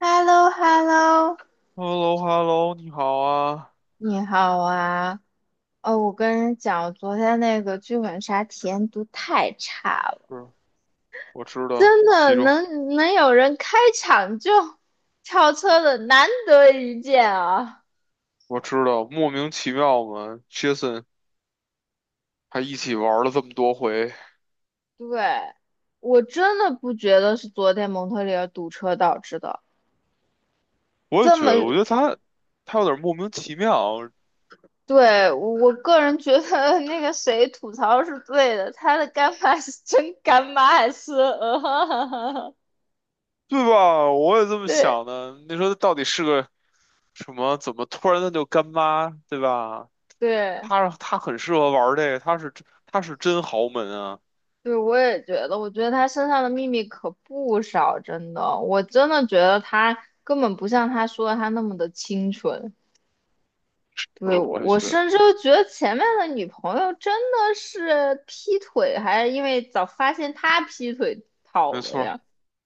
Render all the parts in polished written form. h e l l o h e l l o hello hello 你好啊。你好啊！哦，我跟你讲，我昨天那个剧本杀体验度太差了，是，我知道，真的其中能有人开场就跳车的，难得一见啊！我知道，莫名其妙嘛。Jason 还一起玩了这么多回。对，我真的不觉得是昨天蒙特利尔堵车导致的，我也这觉么，得，我觉得他有点莫名其妙，对，我个人觉得那个谁吐槽是对的，他的干妈是真干妈还是，对吧？我也这么想对的。你说他到底是个什么？怎么突然他就干妈，对吧？对。他很适合玩这个，他是真豪门啊。对，我也觉得，我觉得他身上的秘密可不少，真的，我真的觉得他根本不像他说的他那么的清纯。就对，是我也我觉得，甚至都觉得前面的女朋友真的是劈腿，还是因为早发现他劈腿跑没了错儿，呀？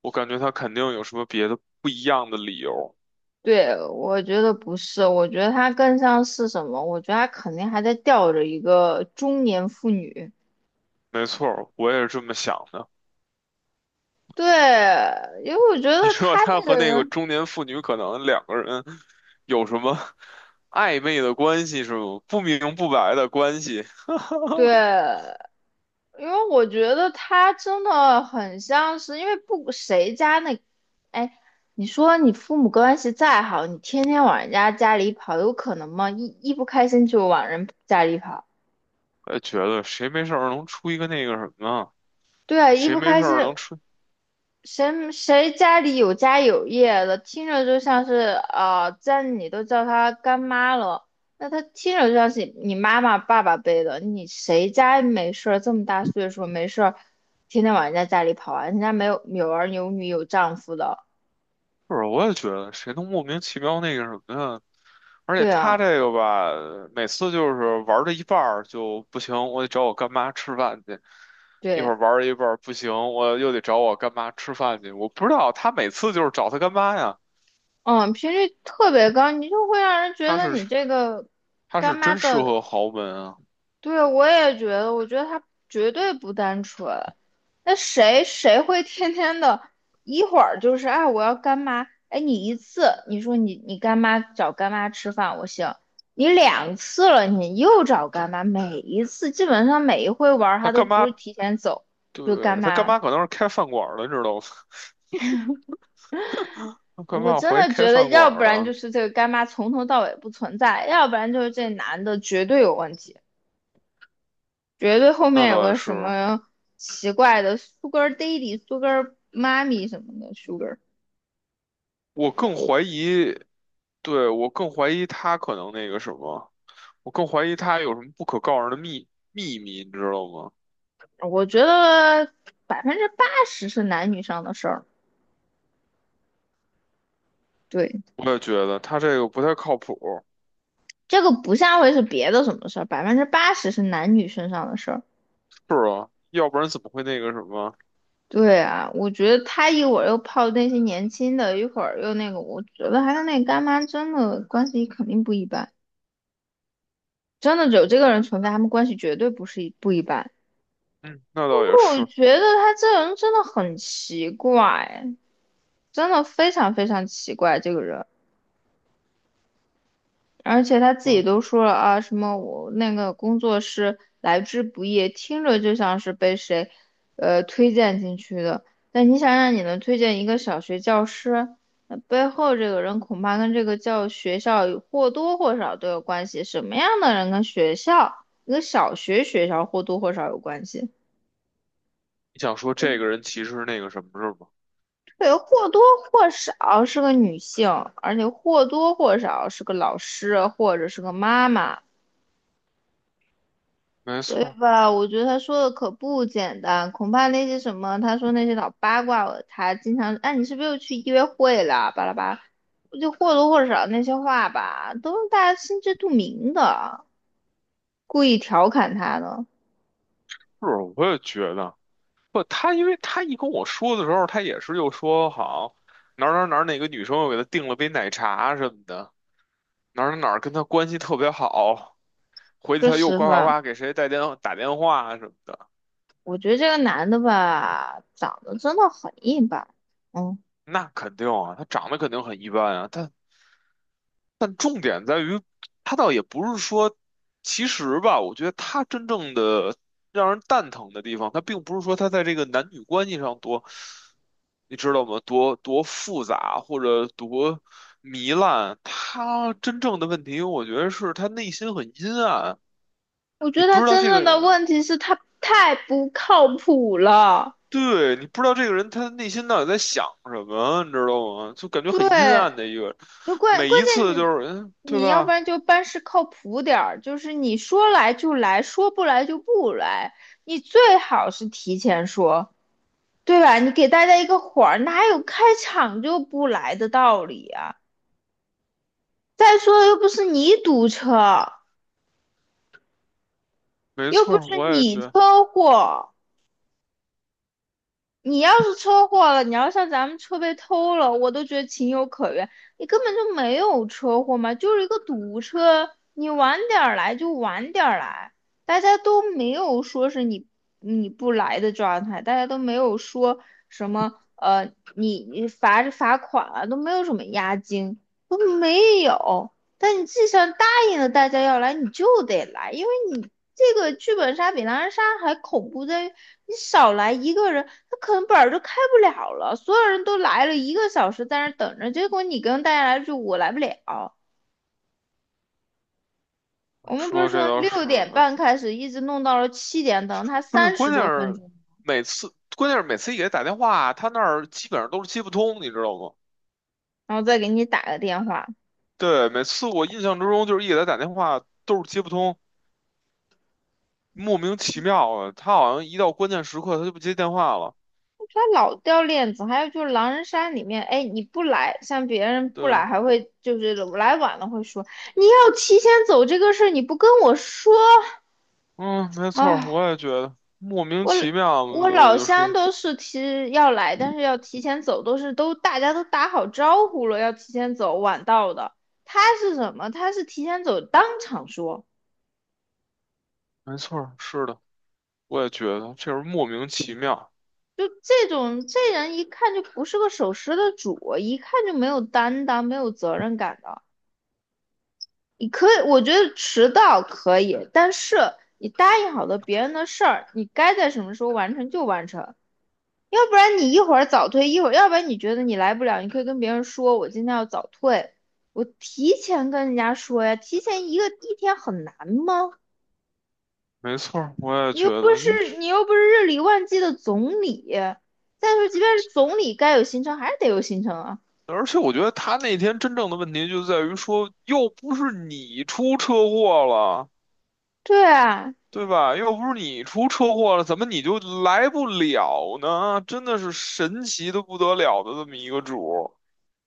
我感觉他肯定有什么别的不一样的理由。对，我觉得不是，我觉得他更像是什么？我觉得他肯定还在吊着一个中年妇女。没错儿，我也是这么想的。对，因为我觉你得说他这他个和那个人，中年妇女可能两个人有什么 暧昧的关系是吗？不明不白的关系。对，因为我觉得他真的很像是，因为不谁家那，哎，你说你父母关系再好，你天天往人家家里跑，有可能吗？一不开心就往人家里跑，我也觉得谁没事儿能出一个那个什么啊，对啊，一谁不没开事心，儿能出，谁家里有家有业的，听着就像是啊，家里你都叫她干妈了，那她听着就像是你妈妈爸爸辈的。你谁家没事儿这么大岁数没事儿，天天往人家家里跑啊？人家没有有儿有女有丈夫的，不是？我也觉得谁能莫名其妙那个什么呀？而且对他啊，这个吧，每次就是玩到一半儿就不行，我得找我干妈吃饭去。一会对，儿玩到一半儿不行，我又得找我干妈吃饭去。我不知道他每次就是找他干妈呀，嗯，频率特别高，你就会让人觉他得是。你这个他干是妈真适的。合豪门啊。对，我也觉得，我觉得他绝对不单纯。那谁会天天的，一会儿就是哎，我要干妈，哎，你一次，你说你干妈找干妈吃饭，我行，你两次了，你又找干妈，每一次基本上每一回玩儿，他他都干不妈，是提前走，就干对，他干妈。妈可能是开饭馆儿的，你知道吗？他干我妈真怀疑的开觉得，饭馆要不儿然就的，是这个干妈从头到尾不存在，要不然就是这男的绝对有问题。绝对后那面有倒也个什是。么奇怪的 Sugar Daddy、Sugar mommy 什么的 Sugar，我更怀疑，对，我更怀疑他可能那个什么，我更怀疑他有什么不可告人的秘密，你知道吗？我觉得百分之八十是男女上的事儿。对，我也觉得他这个不太靠谱。这个不像会是别的什么事儿，百分之八十是男女身上的事儿。是啊，要不然怎么会那个什么？对啊，我觉得他一会儿又泡那些年轻的，一会儿又那个，我觉得还有那个干妈真的关系肯定不一般，真的有这个人存在，他们关系绝对不是不一般。嗯，那倒也我是。觉得他这人真的很奇怪，真的非常非常奇怪这个人，而且他自己嗯，都说了啊，什么我那个工作是来之不易，听着就像是被谁，推荐进去的。但你想让你能推荐一个小学教师，那背后这个人恐怕跟这个教学校有或多或少都有关系。什么样的人跟学校，一个小学学校或多或少有关系？你想说这个人其实是那个什么是吧？对，或多或少是个女性，而且或多或少是个老师或者是个妈妈，没对错儿，吧？我觉得他说的可不简单，恐怕那些什么，他说那些老八卦，他经常，哎，你是不是又去约会了？巴拉巴拉就或多或少那些话吧，都是大家心知肚明的，故意调侃他的。是，我也觉得。不，他因为他一跟我说的时候，他也是又说好哪儿哪儿哪儿哪个女生又给他订了杯奶茶什么的，哪儿哪儿哪儿跟他关系特别好，回去说他又实呱呱话，呱给谁带电打电话什么的，我觉得这个男的吧，长得真的很一般，嗯。那肯定啊，他长得肯定很一般啊，他但重点在于，他倒也不是说，其实吧，我觉得他真正的让人蛋疼的地方，他并不是说他在这个男女关系上多，你知道吗？多复杂或者多糜烂，他真正的问题，我觉得是他内心很阴暗，我觉你得不他知道真这个正的人，问题是他太不靠谱了。对，你不知道这个人他内心到底在想什么，你知道吗？就感觉很阴对，暗的一个人就关每关一次键就你是，对你要不吧？然就办事靠谱点儿，就是你说来就来，说不来就不来，你最好是提前说，对吧？你给大家一个缓儿，哪有开场就不来的道理啊？再说又不是你堵车，没又不错儿，是我也觉你得。车祸。你要是车祸了，你要像咱们车被偷了，我都觉得情有可原。你根本就没有车祸嘛，就是一个堵车，你晚点儿来就晚点儿来，大家都没有说是你不来的状态，大家都没有说什么你罚是罚款啊，都没有什么押金，都没有。但你既然答应了大家要来，你就得来，因为你这个剧本杀比狼人杀还恐怖在于，你少来一个人，他可能本儿就开不了了。所有人都来了一个小时在那儿等着，结果你跟大家来说我来不了。我们不是说这从倒六是，点对，半开始，一直弄到了七点，等他不是，三十关键多分是钟，每次，关键是每次一给他打电话，他那儿基本上都是接不通，你知道吗？然后再给你打个电话。对，每次我印象之中就是一给他打电话都是接不通，莫名其妙的，他好像一到关键时刻他就不接电话了。他老掉链子，还有就是狼人杀里面，哎，你不来，像别人不对，来，还会就是来晚了会说你要提前走这个事儿，你不跟我说嗯，没错儿，啊。我也觉得莫名我其妙，所我以我老就说，乡都是提要来，但是要提前走，都是都大家都打好招呼了，要提前走，晚到的。他是什么？他是提前走，当场说，没错儿，是的，我也觉得这是莫名其妙，就这种这人一看就不是个守时的主，一看就没有担当、没有责任感的。你可以，我觉得迟到可以，但是你答应好的别人的事儿，你该在什么时候完成就完成。要不然你一会儿早退，一会儿，要不然你觉得你来不了，你可以跟别人说，我今天要早退，我提前跟人家说呀，提前一天很难吗？没错儿，我也你觉又不得，嗯。是你又不是日理万机的总理，再说即便是总理，该有行程还是得有行程啊。而且我觉得他那天真正的问题就在于说，又不是你出车祸了，对啊，对吧？又不是你出车祸了，怎么你就来不了呢？真的是神奇的不得了的这么一个主儿，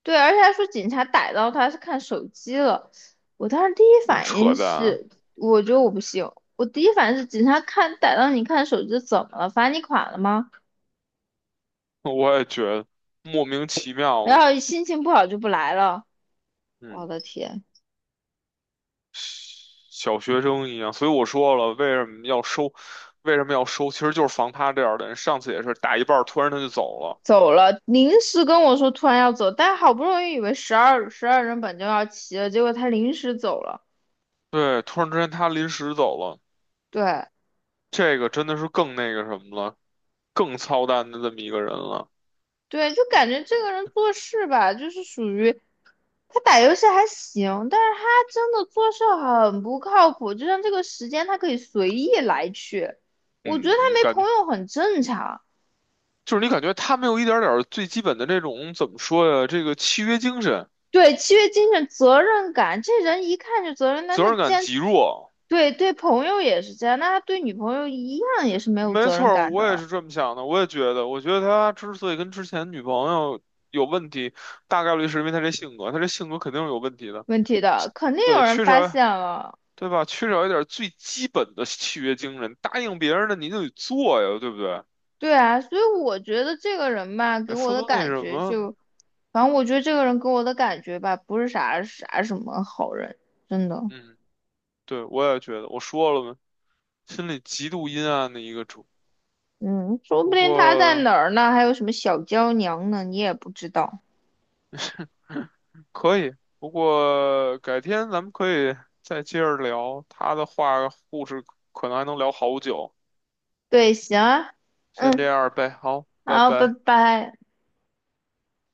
对，而且还说警察逮到他是看手机了，我当时第一真反应扯淡！是，我觉得我不行，我第一反应是警察看逮到你看手机怎么了，罚你款了吗？我也觉得莫名其妙然嘛，后心情不好就不来了。我嗯，的天，小学生一样。所以我说了，为什么要收？为什么要收？其实就是防他这样的人。上次也是打一半儿突然他就走了，走了，临时跟我说突然要走，但好不容易以为十二人本就要齐了，结果他临时走了。对，突然之间他临时走了。对这个真的是更那个什么了，更操蛋的这么一个人了。对，就感觉这个人做事吧，就是属于他打游戏还行，但是他真的做事很不靠谱，就像这个时间他可以随意来去，我觉得嗯，他你没感朋觉友很正常。就是你感觉他没有一点点儿最基本的这种怎么说呀？这个契约精神、对，契约精神、责任感，这人一看就责任那责那任既感然极弱。对，对朋友也是这样，那他对女朋友一样也是没有没责错任儿，感我也的。是这么想的。我也觉得，我觉得他之所以跟之前女朋友有问题，大概率是因为他这性格，他这性格肯定是有问题的。问题的，肯定有对，人缺发少，现了。对吧？缺少一点最基本的契约精神，答应别人的你就得做呀，对不对？对啊，所以我觉得这个人吧，给每我次的都那感什觉么，就，反正我觉得这个人给我的感觉吧，不是什么好人，真的。嗯。对，我也觉得，我说了嘛，心里极度阴暗的一个主。嗯，说不不定他在过哪儿呢，还有什么小娇娘呢，你也不知道。可以，不过改天咱们可以再接着聊他的话，故事可能还能聊好久。对，行啊，先这样呗，好，拜好，拜拜。拜。